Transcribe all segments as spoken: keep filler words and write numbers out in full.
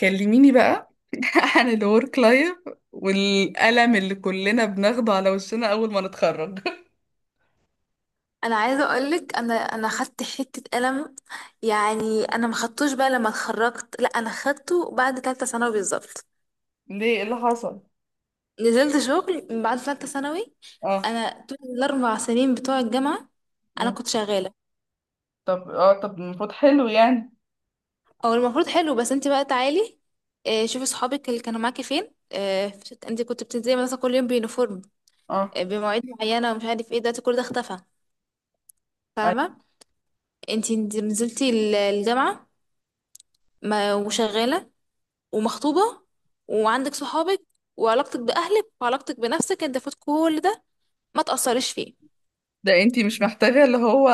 كلميني بقى عن الورك لايف والألم اللي كلنا بناخده على وشنا أول ما نتخرج انا عايزه اقولك انا انا خدت حته قلم يعني انا ما خدتوش بقى لما اتخرجت لا انا خدته بعد ثالثه ثانوي بالظبط. ليه؟ إيه اللي حصل؟ نزلت شغل من بعد ثالثه ثانوي. اه. انا طول الاربع سنين بتوع الجامعه انا مم. كنت شغاله. طب اه، طب المفروض حلو يعني. او المفروض حلو بس انت بقى تعالي. آه، شوفي صحابك اللي كانوا معاكي فين، آه، فت- انت كنت بتنزلي مثلا كل يوم بيونيفورم، اه، آه، بمواعيد معينه ومش عارف ايه. دلوقتي كل ده اختفى، فاهمه؟ أيوة. انت نزلتي ال- الجامعه، ما وشغاله ومخطوبة وعندك صحابك وعلاقتك بأهلك وعلاقتك بنفسك، انت فوت كل ده ما تأثرش فيه؟ ده انتي مش محتاجة اللي هو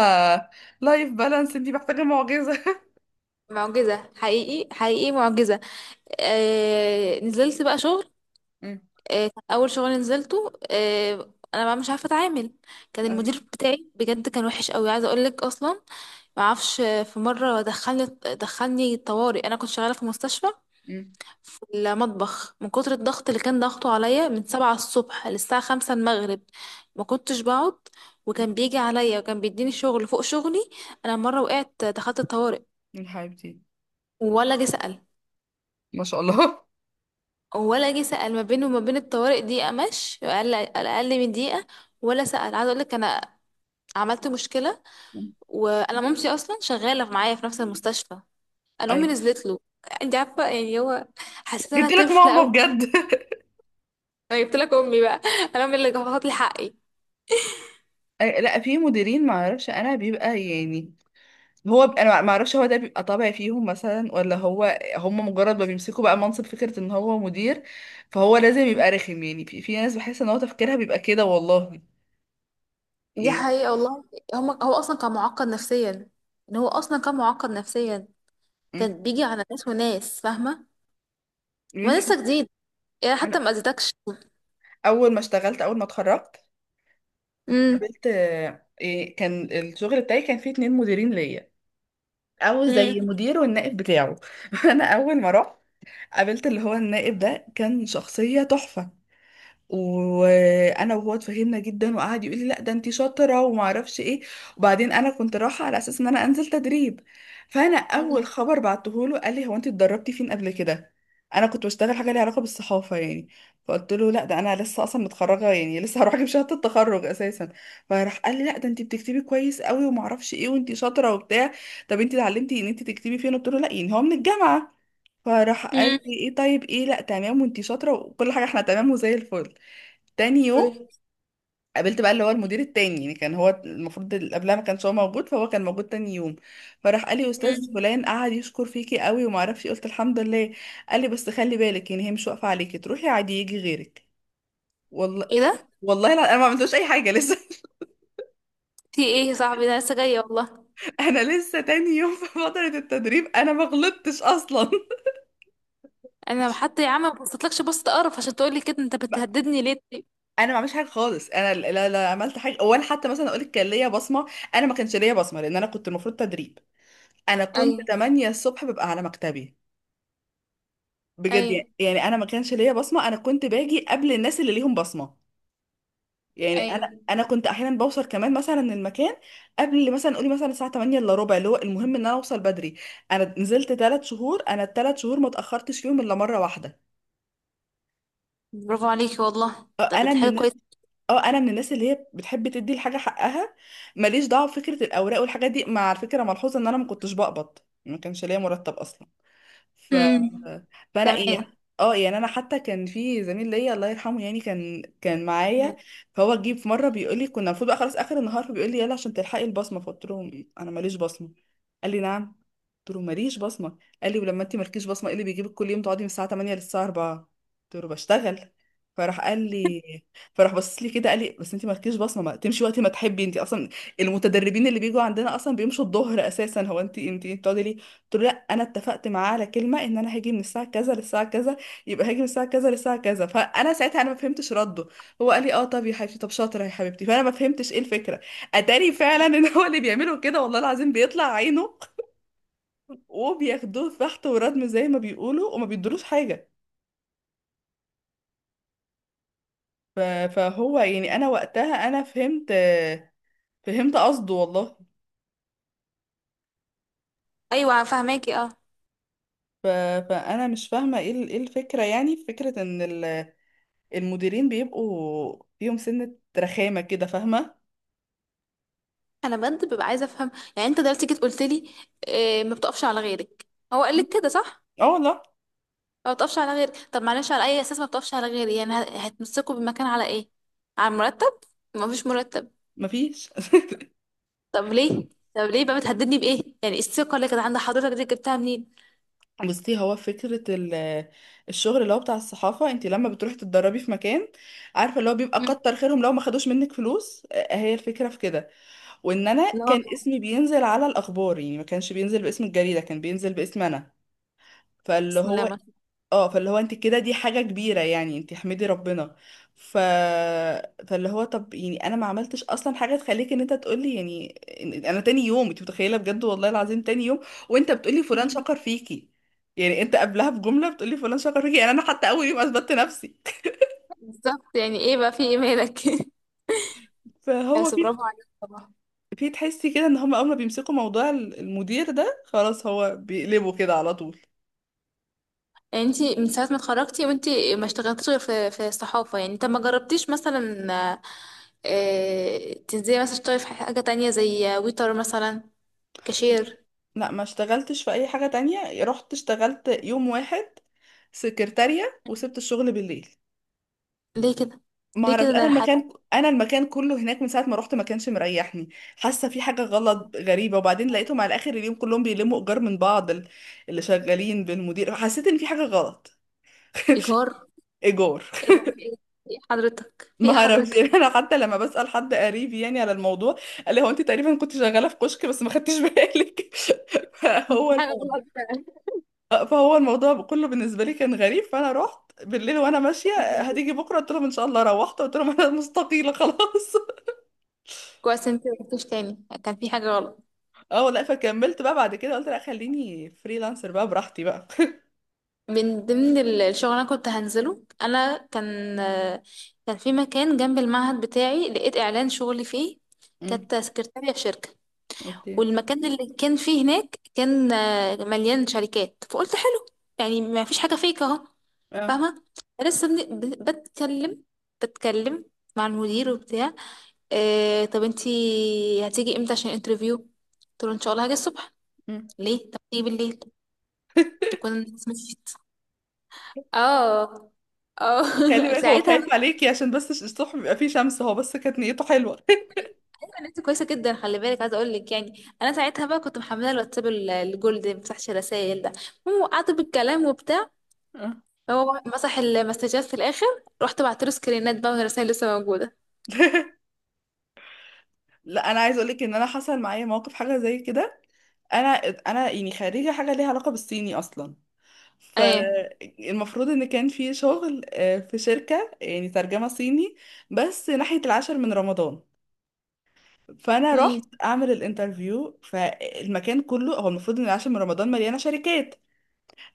لايف بالانس، انتي محتاجة معجزة معجزة، حقيقي حقيقي معجزة. آه نزلت بقى شغل. مم. آه كان أول شغل نزلته، آه أنا بقى مش عارفة أتعامل. كان أيوة. المدير بتاعي بجد كان وحش قوي، عايزة أقولك أصلا. معرفش، آه، في مرة دخلني دخلني طوارئ. أنا كنت شغالة في مستشفى مم. في المطبخ، من كتر الضغط اللي كان ضغطه عليا من سبعة الصبح للساعة خمسة المغرب. ما كنتش بقعد، وكان بيجي عليا وكان بيديني شغل فوق شغلي. أنا مرة وقعت دخلت الطوارئ، من حبيبتي. ولا جه سأل. ما شاء الله. ولا جه سأل، ما بينه وما بين الطوارئ دقيقة، مش أقل، أقل من دقيقة. ولا سأل. عايزة أقول لك أنا عملت مشكلة. مم. وأنا مامتي أصلا شغالة معايا في نفس المستشفى. أنا أمي أيوة. نزلت له. أنت عارفة يعني هو؟ حسيت إن أنا جبت لك طفلة ماما أوي. بجد أنا جبت لك أمي بقى. أنا أمي اللي جابت لي حقي. أي- لا، في مديرين ما اعرفش انا بيبقى يعني، هو ب... انا ما اعرفش هو ده بيبقى طبع فيهم مثلا، ولا هو هم مجرد ما بيمسكوا بقى منصب فكرة ان هو مدير فهو لازم يبقى رخم. يعني في, في ناس بحس ان هو تفكيرها بيبقى كده والله، دي يعني. حقيقة والله. هما هو أصلا كان معقد نفسيا. إن هو أصلا كان معقد نفسيا. مم. كان بيجي على ناس وناس فاهمة يعني ما لسه جديد. يعني حتى انا ما أذيتكش. اول ما اشتغلت اول ما اتخرجت مم. قابلت آه، إيه، كان الشغل بتاعي كان فيه اتنين مديرين ليا، او زي مم. مدير والنائب بتاعه انا اول ما رحت قابلت اللي هو النائب ده، كان شخصية تحفة، وانا وهو اتفهمنا جدا وقعد يقول لي لا ده انتي شاطره وما اعرفش ايه. وبعدين انا كنت رايحه على اساس ان انا انزل تدريب، فانا مم. اول خبر بعته له قال لي هو انتي اتدربتي فين قبل كده؟ انا كنت بشتغل حاجه ليها علاقه بالصحافه يعني، فقلت له لا ده انا لسه اصلا متخرجه يعني، لسه هروح اجيب شهاده التخرج اساسا. فراح قال لي لا ده انتي بتكتبي كويس قوي وما اعرفش ايه، وانتي شاطره وبتاع. طب انتي اتعلمتي ان انتي تكتبي فين؟ قلت له لا يعني هو من الجامعه. فراح قال مم. لي ايه طيب، ايه لا تمام، وانتي شاطره وكل حاجه احنا تمام وزي الفل. تاني يوم قابلت بقى اللي هو المدير التاني، يعني كان هو المفروض اللي قبلها ما كانش هو موجود، فهو كان موجود تاني يوم. فراح قال لي استاذ مم. فلان قعد يشكر فيكي قوي وما اعرفش إيه، قلت الحمد لله. قال لي بس خلي بالك، يعني هي مش واقفه عليكي، تروحي عادي يجي غيرك. والله! ايه ده؟ والله لا انا ما عملتوش اي حاجه لسه في ايه يا صاحبي؟ ده أنا لسه جاية والله. انا لسه تاني يوم في فتره التدريب، انا ما غلطتش اصلا أنا حتى يا عم ما بصيتلكش بصة قرف عشان تقولي كده، أنت ب- بتهددني ليه طيب؟ انا ما عملتش حاجه خالص، انا لا لا لا عملت حاجه، ولا حتى مثلا اقول لك كان ليا بصمه. انا ما كانش ليا بصمه لان انا كنت المفروض تدريب. انا كنت أيوه، تمانية الصبح ببقى على مكتبي بجد أيوه، يعني. يعني انا ما كانش ليا بصمه، انا كنت باجي قبل الناس اللي ليهم بصمه يعني. انا أيوه. انا كنت احيانا بوصل كمان مثلا المكان قبل مثلا، قولي مثلا الساعه تمانية الا ربع، اللي هو المهم ان انا اوصل بدري. انا نزلت تلات شهور، انا التلات شهور ما اتاخرتش فيهم الا مره واحده. برافو عليكي والله، آه، طب انا دي من حاجة الناس، كويسة. اه انا من الناس اللي هي بتحب تدي الحاجه حقها. ماليش دعوه بفكره الاوراق والحاجات دي، مع الفكره ملحوظه ان انا ما كنتش بقبض، ما كانش ليا مرتب اصلا. ف مم. فانا تمام. يعني، اه يعني انا حتى كان في زميل ليا الله يرحمه يعني، كان كان معايا. فهو جه في مره بيقول لي، كنا المفروض بقى خلاص اخر النهار، فبيقول لي يلا عشان تلحقي البصمه، فقلت له انا ماليش بصمه. قال لي نعم؟ قلت له ماليش بصمه. قال لي ولما انت مالكيش بصمه ايه اللي بيجيبك كل يوم تقعدي من الساعه تمانية للساعه أربعة؟ قلت له بشتغل. فراح قال لي فراح بص لي كده قال لي بس انت مالكيش بصمه، ما تمشي وقت ما تحبي، انت اصلا المتدربين اللي بيجوا عندنا اصلا بيمشوا الظهر اساسا، هو انت انت بتقعدي. قلت له لا انا اتفقت معاه على كلمه ان انا هاجي من الساعه كذا للساعه كذا، يبقى هاجي من الساعه كذا للساعه كذا. فانا ساعتها انا ما فهمتش رده. هو قال لي اه طب يا حبيبتي، طب شاطره يا حبيبتي، فانا ما فهمتش ايه الفكره. اتاري فعلا ان هو اللي بيعمله كده والله العظيم بيطلع عينه وبياخدوه في بحث وردم زي ما بيقولوا، وما بيدروش حاجه. ف- فهو يعني انا وقتها انا فهمت، فهمت قصده والله. أيوه، فاهماكي، اه. ف- فانا مش فاهمه ايه ال- ايه الفكره، يعني فكره ان ال المديرين بيبقوا فيهم سنة رخامة كده، فاهمة؟ انا بجد ببقى عايزه افهم. يعني انت دلوقتي جيت قلت لي إيه؟ ما بتقفش على غيرك. هو قال لك كده، صح؟ اه لا، ما بتقفش على غيرك، طب معلش على اي اساس ما بتقفش على غيري؟ يعني هت- هتمسكوا بالمكان على ايه؟ على المرتب؟ ما فيش مرتب. مفيش طب ليه؟ طب ليه بقى بتهددني بايه؟ يعني الثقه اللي كانت عند حضرتك دي جبتها منين؟ بصي، هو فكرة ال- الشغل اللي هو بتاع الصحافة، انت لما بتروحي تتدربي في مكان، عارفة اللي هو بيبقى مم. كتر خيرهم لو ما خدوش منك فلوس، آه، هي الفكرة في كده. وان انا لا كان والله. اسمي بينزل على الاخبار يعني، ما كانش بينزل باسم الجريدة، كان بينزل باسم انا. فاللي بسم الله هو، ما. اه فاللي هو انت كده دي حاجة كبيرة يعني، انت احمدي ربنا. ف... فاللي هو طب يعني انا ما عملتش اصلا حاجة تخليك ان انت تقولي يعني، إن- انا تاني يوم، انت متخيلة بجد والله العظيم تاني يوم وانت بتقولي فلان شكر فيكي. يعني انت قبلها بجملة بتقولي فلان شكر فيكي، يعني انا حتى اول يوم اثبتت نفسي. بالظبط، يعني ايه بقى؟ في ايه مالك؟ فهو بس في، برافو عليك طبعا. في تحسي كده ان هم اول ما بيمسكوا موضوع ال- المدير ده خلاص هو بيقلبوا كده على طول. يعني انتي من ساعة ما اتخرجتي وانتي ما اشتغلتيش غير في في الصحافة؟ يعني طب ما جربتيش مثلا، آه، تنزلي مثلا تشتغلي في حاجة تانية زي ويتر مثلا، كاشير؟ لا، ما اشتغلتش في اي حاجة تانية. رحت اشتغلت يوم واحد سكرتارية وسبت الشغل بالليل. ليه كده؟ ما ليه اعرف، كده؟ ده انا انا حابة. المكان انا المكان كله هناك من ساعه ما رحت ما كانش مريحني، حاسه في حاجه غلط غريبه. وبعدين لقيتهم على اخر اليوم كلهم بيلموا ايجار من بعض، ال- اللي شغالين بالمدير، حسيت ان في حاجه غلط. ايجار؟ ايجار ايه ده؟ في ايه؟ في إيه حضرتك؟ في ما ايه اعرفش حضرتك؟ يعني، انا حتى لما بسال حد قريب يعني على الموضوع، قال لي هو انت تقريبا كنت شغاله في كشك بس ما خدتش بالك فهو في حاجة الموضوع، غلط فعلا. فهو الموضوع كله بالنسبه لي كان غريب. فانا رحت بالليل وانا ماشيه، هتيجي بكره؟ قلت لهم ان شاء الله، روحت قلت لهم انا مستقيله خلاص. كويس انتي ما قلتيش تاني، كان في حاجة غلط. اه لا، فكملت بقى بعد كده، قلت لا خليني فريلانسر بقى براحتي بقى من ضمن ال- الشغل اللي انا كنت هنزله انا، كان كان في مكان جنب المعهد بتاعي لقيت اعلان شغلي فيه. امم. كانت سكرتارية في شركة. اوكي. والمكان اللي كان فيه هناك كان، آه، مليان شركات، فقلت حلو. يعني ما فيش حاجة فيك اهو، اه. فاهمة؟ لسه بن- ب- بتكلم، بتكلم مع المدير وبتاع. آه طب انتي هتيجي امتى عشان انترفيو؟ قلت له ان شاء الله هاجي الصبح. امم. ليه؟ طب تيجي بالليل تكون الناس مشيت. اه. اه. خلي بالك هو ساعتها خايف بقى عليكي عشان بس الصبح بيبقى فيه شمس، هو بس كانت نيته حلوة كانت كويسه جدا. خلي بالك، عايزه اقول لك، يعني انا ساعتها بقى كنت محمله الواتساب ال- الجولد اللي ما بيفتحش الرسايل ده. المهم وقعت بالكلام وبتاع. اه هو مسح المسجات في الاخر. رحت بعت له سكرينات بقى، والرسايل لسه موجوده. لا انا عايز اقولك ان انا حصل معايا موقف حاجه زي كده. انا انا يعني خريجه حاجه ليها علاقه بالصيني اصلا، ايوه. فالمفروض ان كان في شغل، آه، في شركه يعني ترجمه صيني، بس ناحيه العاشر من رمضان. فانا امم. رحت اعمل الانترفيو، فالمكان كله، هو المفروض ان العاشر من رمضان مليانه شركات،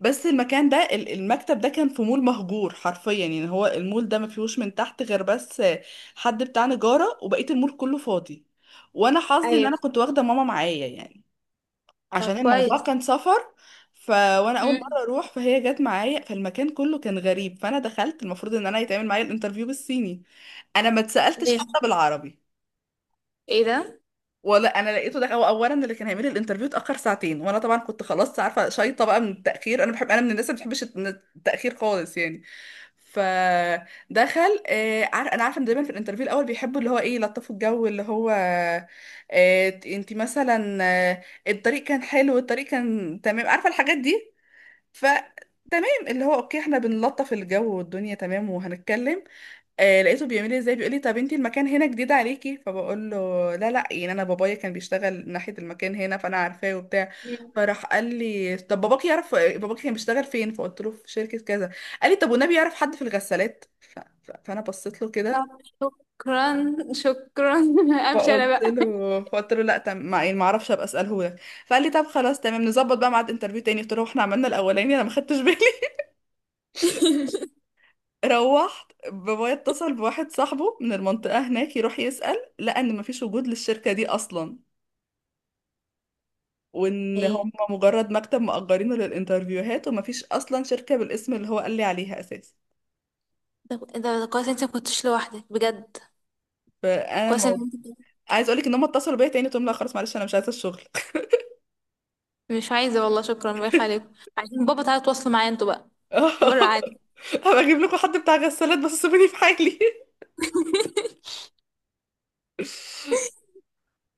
بس المكان ده، ال- المكتب ده كان في مول مهجور حرفيا، يعني هو المول ده ما فيهوش من تحت غير بس حد بتاع نجاره وبقيه المول كله فاضي. وانا حظي ان ايوه. انا كنت واخده ماما معايا يعني، طب عشان الموضوع كويس. كان سفر. ف وانا اول امم. مره اروح، فهي جت معايا. فالمكان كله كان غريب. فانا دخلت، المفروض ان انا يتعمل معايا الانترفيو بالصيني، انا ما اتسالتش ايه. حتى بالعربي. ايه ده؟ ولا انا لقيته ده، هو اولا اللي كان هيعمل الانترفيو اتاخر ساعتين، وانا طبعا كنت خلاص عارفه شايطه بقى من التاخير، انا بحب، انا من الناس اللي ما بتحبش التاخير خالص يعني. فدخل، آه عار... انا عارفه ان دايما في الانترفيو الاول بيحبوا اللي هو ايه، يلطفوا الجو، اللي هو آه انت مثلا آه الطريق كان حلو، الطريق كان تمام، عارفه الحاجات دي. فتمام اللي هو اوكي، احنا بنلطف الجو والدنيا تمام وهنتكلم. آه، لقيته بيعمل لي ازاي، بيقول لي طب انتي المكان هنا جديد عليكي، فبقول له لا لا يعني انا بابايا كان بيشتغل ناحية المكان هنا فانا عارفاه وبتاع. مم. فراح قال لي طب باباك يعرف، باباك كان بيشتغل فين؟ فقلت له في شركة كذا. قال لي طب والنبي يعرف حد في الغسالات؟ ف- فانا بصيت له طب كده. شكرا شكرا، امشي انا فقلت بقى. له فقلت له لا تم ما، يعني ما اعرفش، ابقى اساله لك. فقال لي طب خلاص تمام، نظبط بقى ميعاد انترفيو تاني. قلت له احنا عملنا الاولاني انا ما خدتش بالي روحت بابايا اتصل بواحد صاحبه من المنطقة هناك يروح يسأل، لقى ان مفيش وجود للشركة دي اصلا، وان ايه هم مجرد مكتب مأجرينه للانترفيوهات، ومفيش اصلا شركة بالاسم اللي هو قال لي عليها اساسا. ده؟ ده ده كويس انت ما كنتش لوحدك بجد. فانا كويس ان الموضوع، انت. عايز اقولك ان هم اتصلوا بيا تاني، قلت لهم لا خلاص معلش انا مش عايزه الشغل مش عايزة والله، شكرا، بايخ عليكم. عايزين بابا، تعالى تواصلوا معايا انتوا بقى، بره عادي. هبقى اجيب لكم حد بتاع غسالات بس سيبوني في حالي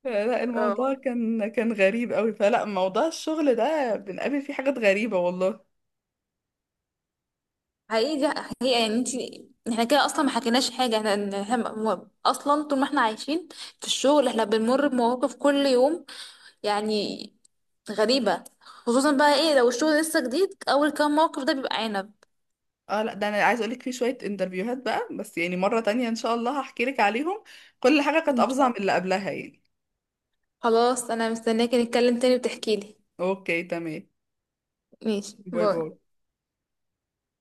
لا، الموضوع اه. كان، كان غريب قوي، فلا موضوع الشغل ده بنقابل فيه حاجات غريبة والله. حقيقي دي حقيقة. يعني انتي، احنا كده اصلا ما حكيناش حاجة. احنا احنا م- اصلا طول ما احنا عايشين في الشغل احنا بنمر بمواقف كل يوم، يعني غريبة. خصوصا بقى ايه لو الشغل لسه جديد، اول كام موقف ده بيبقى عنب. اه لا، ده انا عايز اقولك في شوية انترفيوهات بقى، بس يعني مرة تانية ان شاء الله هحكي لك عليهم. كل حاجة كانت إن افظع شاء من اللي الله. قبلها يعني. خلاص، انا مستنياكي نتكلم تاني وتحكيلي. اوكي، تمام. ماشي، باي باي. باي.